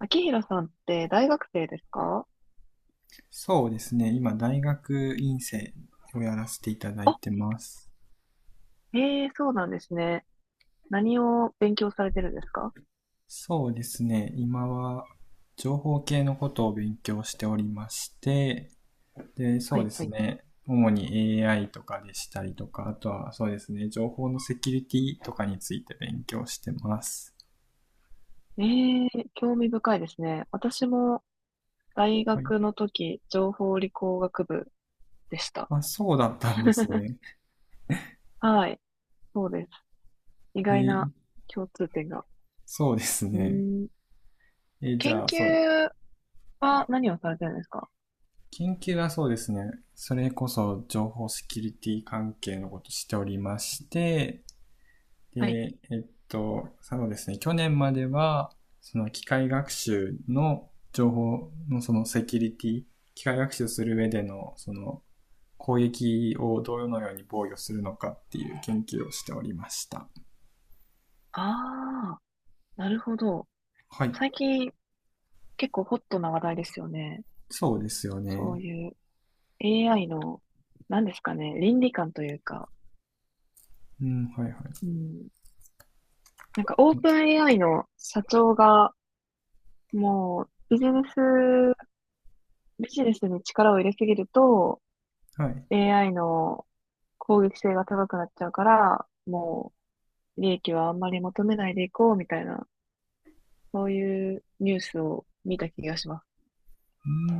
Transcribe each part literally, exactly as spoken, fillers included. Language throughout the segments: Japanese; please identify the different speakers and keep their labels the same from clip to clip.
Speaker 1: 秋広さんって大学生ですか？
Speaker 2: そうですね。今、大学院生をやらせていただい
Speaker 1: あ、
Speaker 2: てます。
Speaker 1: ええ、そうなんですね。何を勉強されてるんですか？
Speaker 2: そうですね。今は、情報系のことを勉強しておりまして、で、
Speaker 1: は
Speaker 2: そうで
Speaker 1: いは
Speaker 2: す
Speaker 1: い。
Speaker 2: ね。主に エーアイ とかでしたりとか、あとはそうですね、情報のセキュリティとかについて勉強してます。
Speaker 1: ええ、興味深いですね。私も大
Speaker 2: はい。
Speaker 1: 学の時、情報理工学部でした。
Speaker 2: まあ、そうだったんですね。
Speaker 1: はい、そうです。意
Speaker 2: え
Speaker 1: 外な
Speaker 2: ー
Speaker 1: 共通点が。
Speaker 2: そうです
Speaker 1: うー
Speaker 2: ね。
Speaker 1: ん、
Speaker 2: えーじ
Speaker 1: 研
Speaker 2: ゃあ、そう、
Speaker 1: 究は何をされてるんですか？
Speaker 2: 研究はそうですね。それこそ情報セキュリティ関係のことをしておりまして、
Speaker 1: はい。
Speaker 2: で、えっと、そうですね。去年までは、その機械学習の情報のそのセキュリティ、機械学習する上でのその攻撃をどのように防御するのかっていう研究をしておりました。
Speaker 1: ああ、なるほど。
Speaker 2: はい。
Speaker 1: 最近結構ホットな話題ですよね。
Speaker 2: そうですよ
Speaker 1: そ
Speaker 2: ね。
Speaker 1: ういう エーアイ の何ですかね、倫理観というか、
Speaker 2: うん、はいはい。
Speaker 1: うん。なんかオープン エーアイ の社長がもうビジネス、ビジネスに力を入れすぎると
Speaker 2: はい。
Speaker 1: エーアイ の攻撃性が高くなっちゃうから、もう利益はあんまり求めないでいこうみたいな、そういうニュースを見た気がします。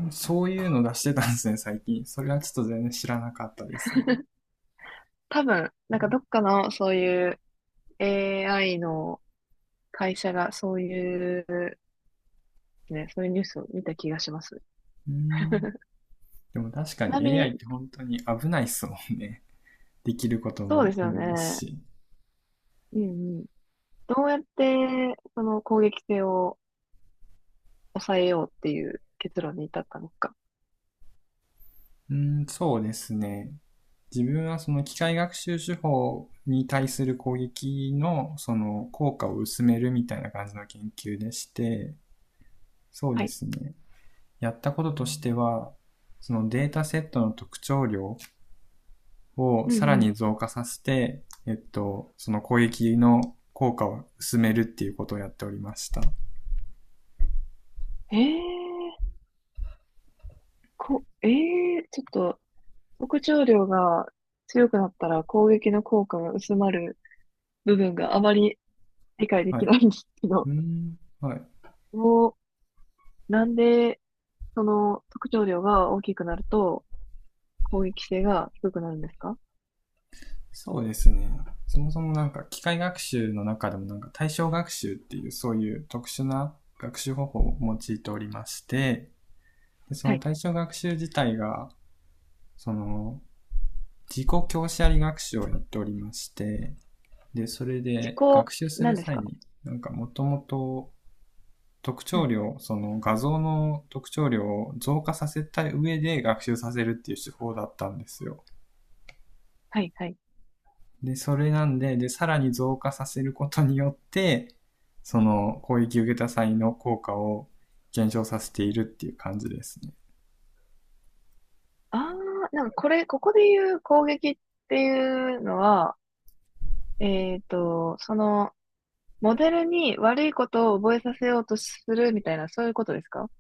Speaker 2: うん、そういうの出してたんですね、最近。それはちょっと全然知らなかったですね。
Speaker 1: 多分、なんかどっかのそういう エーアイ の会社がそういう、ね、そういうニュースを見た気がします。
Speaker 2: うー
Speaker 1: ち
Speaker 2: ん。でも確か
Speaker 1: なみ
Speaker 2: に エーアイ
Speaker 1: に、
Speaker 2: って本当に危ないっすもんね。できること
Speaker 1: そうで
Speaker 2: も
Speaker 1: すよ
Speaker 2: 多いです
Speaker 1: ね。
Speaker 2: し。
Speaker 1: うんどうやって、その攻撃性を抑えようっていう結論に至ったのか。
Speaker 2: うーん、そうですね。自分はその機械学習手法に対する攻撃のその効果を薄めるみたいな感じの研究でして、そう
Speaker 1: は
Speaker 2: で
Speaker 1: い。
Speaker 2: すね。やったこととしては、そのデータセットの特徴量を
Speaker 1: うん
Speaker 2: さら
Speaker 1: う
Speaker 2: に増加させて、えっと、その攻撃の効果を薄めるっていうことをやっておりました。
Speaker 1: ん。えー、こ、えー、ちょっと、特徴量が強くなったら攻撃の効果が薄まる部分があまり理解で
Speaker 2: はい。
Speaker 1: きないんですけ
Speaker 2: うー
Speaker 1: ど、
Speaker 2: ん。はい。
Speaker 1: もう、なんで、その特徴量が大きくなると攻撃性が低くなるんですか？
Speaker 2: そうですね。そもそもなんか機械学習の中でもなんか対象学習っていうそういう特殊な学習方法を用いておりまして、でそ
Speaker 1: は
Speaker 2: の
Speaker 1: い。
Speaker 2: 対象学習自体が、その自己教師あり学習をやっておりまして、で、それ
Speaker 1: 自
Speaker 2: で
Speaker 1: 己、
Speaker 2: 学習す
Speaker 1: な
Speaker 2: る
Speaker 1: んです
Speaker 2: 際
Speaker 1: か？
Speaker 2: になんかもともと特
Speaker 1: う
Speaker 2: 徴
Speaker 1: ん。
Speaker 2: 量、その画像の特徴量を増加させた上で学習させるっていう手法だったんですよ。
Speaker 1: はい、はい。
Speaker 2: で、それなんで、で、さらに増加させることによって、その攻撃を受けた際の効果を減少させているっていう感じですね。
Speaker 1: ああ、なんかこれ、ここで言う攻撃っていうのは、えっと、その、モデルに悪いことを覚えさせようとするみたいな、そういうことですか？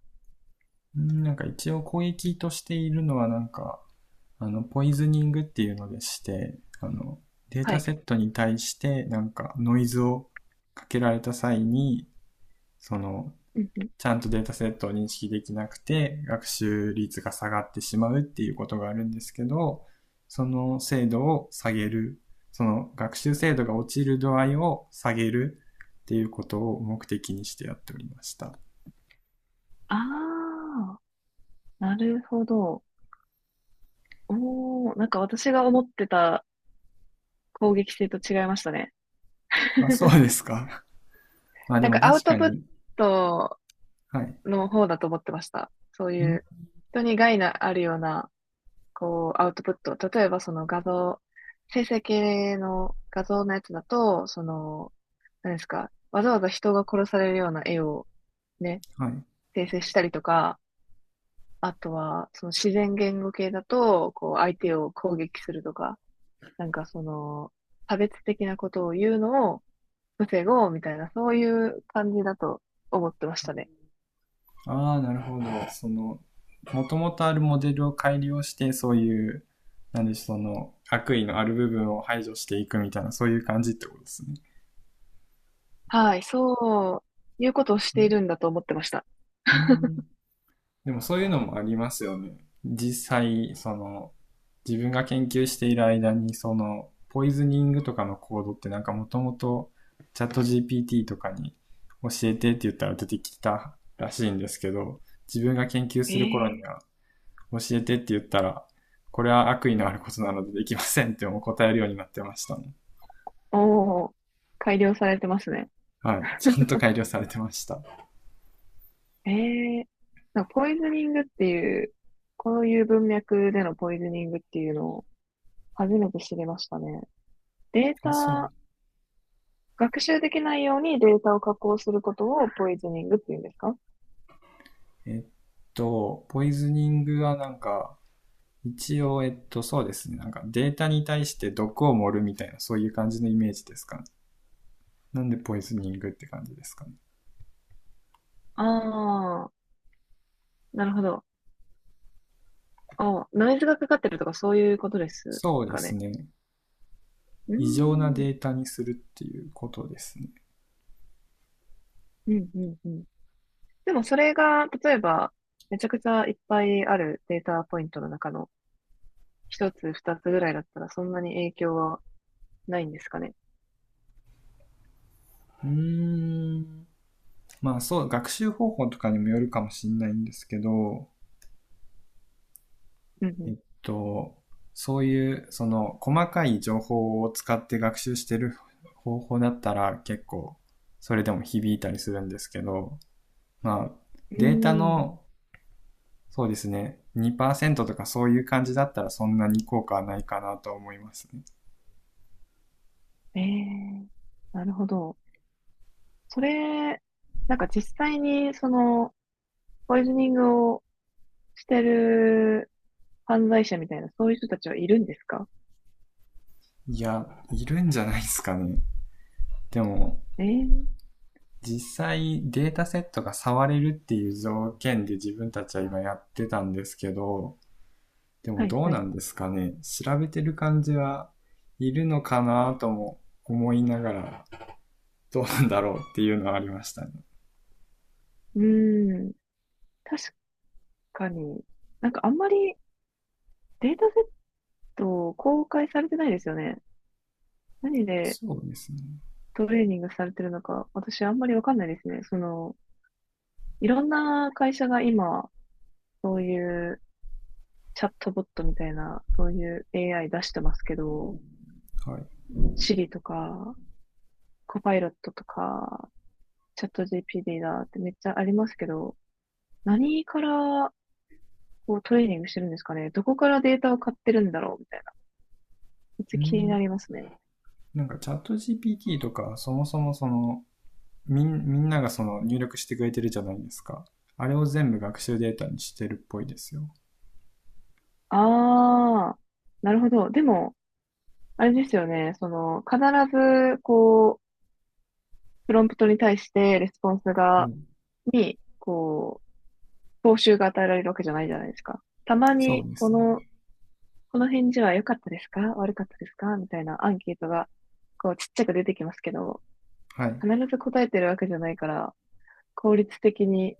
Speaker 2: んなんか一応攻撃としているのはなんか、あの、ポイズニングっていうのでして、あの、デー
Speaker 1: は
Speaker 2: タ
Speaker 1: い。
Speaker 2: セットに対してなんかノイズをかけられた際に、その
Speaker 1: うんうん。
Speaker 2: ちゃんとデータセットを認識できなくて、学習率が下がってしまうっていうことがあるんですけど、その精度を下げる、その学習精度が落ちる度合いを下げるっていうことを目的にしてやっておりました。
Speaker 1: ああ、なるほど。おー、なんか私が思ってた攻撃性と違いましたね。
Speaker 2: あ、そうですか。まあで
Speaker 1: なん
Speaker 2: も
Speaker 1: かアウ
Speaker 2: 確か
Speaker 1: トプッ
Speaker 2: に、
Speaker 1: ト
Speaker 2: はい。
Speaker 1: の方だと思ってました。そういう
Speaker 2: ん
Speaker 1: 人に害のあるような、こう、アウトプット。例えばその画像、生成系の画像のやつだと、その、何ですか、わざわざ人が殺されるような絵をね、
Speaker 2: はい。
Speaker 1: 生成したりとか、あとは、その自然言語系だと、こう、相手を攻撃するとか、なんかその、差別的なことを言うのを防ごうみたいな、そういう感じだと思ってましたね。
Speaker 2: ああ、なるほど。その、もともとあるモデルを改良して、そういう、なんでしょう、その、悪意のある部分を排除していくみたいな、そういう感じってことですね。
Speaker 1: はい、そう、いうことをしているんだと思ってました。
Speaker 2: うんでもそういうのもありますよね。実際、その、自分が研究している間に、その、ポイズニングとかのコードってなんかもともとチャット ジーピーティー とかに教えてって言ったら出てきたらしいんですけど、自分が研究する頃に
Speaker 1: え
Speaker 2: は
Speaker 1: え、
Speaker 2: 教えてって言ったら、これは悪意のあることなのでできませんってもう答えるようになってましたね。
Speaker 1: おお、改良されてますね。
Speaker 2: はい。ちゃんと改良されてました。
Speaker 1: ええ、なんかポイズニングっていう、こういう文脈でのポイズニングっていうのを初めて知りましたね。デー
Speaker 2: あ、そう。
Speaker 1: タ学習できないようにデータを加工することをポイズニングって言うんですか？
Speaker 2: えっと、ポイズニングはなんか、一応、えっと、そうですね。なんかデータに対して毒を盛るみたいな、そういう感じのイメージですかね。なんでポイズニングって感じですかね。
Speaker 1: ああー、なるほど。ああ、ノイズがかかってるとかそういうことです
Speaker 2: そうで
Speaker 1: か
Speaker 2: す
Speaker 1: ね。
Speaker 2: ね。
Speaker 1: うー
Speaker 2: 異常な
Speaker 1: ん、
Speaker 2: データにするっていうことですね。
Speaker 1: うん、うん、うん。でもそれが、例えば、めちゃくちゃいっぱいあるデータポイントの中の一つ、二つぐらいだったらそんなに影響はないんですかね。
Speaker 2: うーん。まあそう、学習方法とかにもよるかもしれないんですけど、
Speaker 1: う
Speaker 2: え
Speaker 1: ん、
Speaker 2: っと、そういう、その、細かい情報を使って学習してる方法だったら結構、それでも響いたりするんですけど、まあ、
Speaker 1: うん。う
Speaker 2: データ
Speaker 1: ーん。
Speaker 2: のそうですね。にパーセントとかそういう感じだったらそんなに効果はないかなと思いますね。
Speaker 1: ええ、なるほど。それ、なんか実際にその、ポイズニングをしてる犯罪者みたいな、そういう人たちはいるんですか？
Speaker 2: いや、いるんじゃないですかね。でも、
Speaker 1: えー、
Speaker 2: 実際データセットが触れるっていう条件で自分たちは今やってたんですけど、でも
Speaker 1: はい、
Speaker 2: どう
Speaker 1: は
Speaker 2: な
Speaker 1: い。
Speaker 2: んですかね。調べてる感じはいるのかなとも思いながら、どうなんだろうっていうのはありましたね。
Speaker 1: うーん、確かに、なんかあんまりデータセット公開されてないですよね。何で
Speaker 2: そうですね。
Speaker 1: トレーニングされてるのか、私あんまりわかんないですね。その、いろんな会社が今、そういうチャットボットみたいな、そういう エーアイ 出してますけど、
Speaker 2: はい。
Speaker 1: Siri とか、コパイロットとか、チャット ジーピーティー だってめっちゃありますけど、何からこうトレーニングしてるんですかね。どこからデータを買ってるんだろうみたいな。めっち
Speaker 2: う
Speaker 1: ゃ気に
Speaker 2: ん。
Speaker 1: なりますね。
Speaker 2: なんかチャット ジーピーティー とかそもそもそのみんみんながその入力してくれてるじゃないですか。あれを全部学習データにしてるっぽいですよ。
Speaker 1: ああ、なるほど。でも、あれですよね。その、必ず、こう、プロンプトに対してレスポンス
Speaker 2: う
Speaker 1: が、
Speaker 2: ん。
Speaker 1: に、こう、報酬が与えられるわけじゃないじゃないですか。たま
Speaker 2: そう
Speaker 1: に、
Speaker 2: で
Speaker 1: こ
Speaker 2: す
Speaker 1: の、
Speaker 2: ね。
Speaker 1: この返事は良かったですか悪かったですかみたいなアンケートが、こう、ちっちゃく出てきますけど、
Speaker 2: はい。
Speaker 1: 必ず答えてるわけじゃないから、効率的に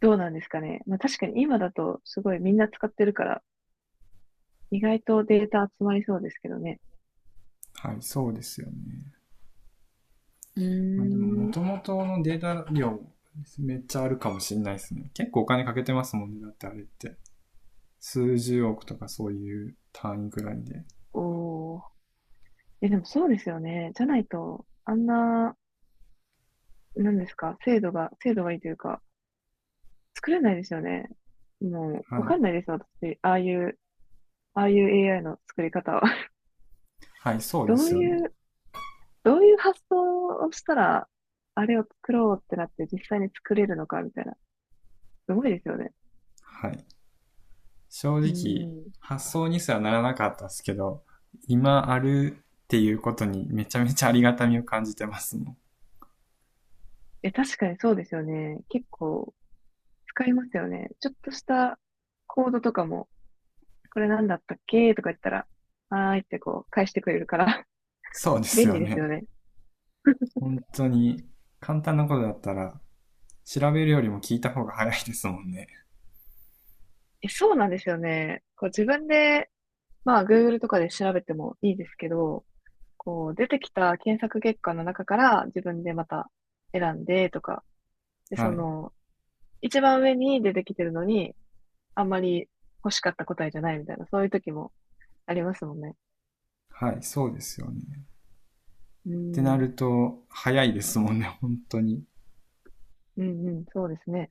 Speaker 1: どうなんですかね。まあ確かに今だとすごいみんな使ってるから、意外とデータ集まりそうですけどね。
Speaker 2: はい、そうですよね。
Speaker 1: う
Speaker 2: まあでも、
Speaker 1: ーん。
Speaker 2: 元々のデータ量、めっちゃあるかもしれないですね。結構お金かけてますもんね。だってあれって。数十億とかそういう単位くらいで。
Speaker 1: おー。え、でもそうですよね。じゃないと、あんな、なんですか、精度が、精度がいいというか、作れないですよね。も
Speaker 2: は
Speaker 1: う、わか
Speaker 2: い。
Speaker 1: んないですよ、私。ああいう、ああいう エーアイ の作り方は。
Speaker 2: はい、そうで
Speaker 1: どう
Speaker 2: すよね。
Speaker 1: いう、どういう発想をしたら、あれを作ろうってなって実際に作れるのか、みたいな。すごいですよね。
Speaker 2: はい。正
Speaker 1: う
Speaker 2: 直、
Speaker 1: ん。
Speaker 2: 発想にすらならなかったですけど、今あるっていうことにめちゃめちゃありがたみを感じてますもん。
Speaker 1: え、確かにそうですよね。結構使いますよね。ちょっとしたコードとかもこれなんだったっけとか言ったら、はーいってこう返してくれるから
Speaker 2: そうです
Speaker 1: 便
Speaker 2: よ
Speaker 1: 利ですよ
Speaker 2: ね。
Speaker 1: ね。
Speaker 2: 本当に、簡単なことだったら、調べるよりも聞いた方が早いですもんね。
Speaker 1: え、そうなんですよね。こう自分で、まあ Google とかで調べてもいいですけど、こう出てきた検索結果の中から自分でまた選んでとか、で、そ
Speaker 2: はい。
Speaker 1: の、一番上に出てきてるのに、あんまり欲しかった答えじゃないみたいな、そういう時もありますもんね。
Speaker 2: はい、そうですよね。っ
Speaker 1: う
Speaker 2: てな
Speaker 1: ん、
Speaker 2: ると、早いですもんね、本当に。
Speaker 1: うん、うん、そうですね。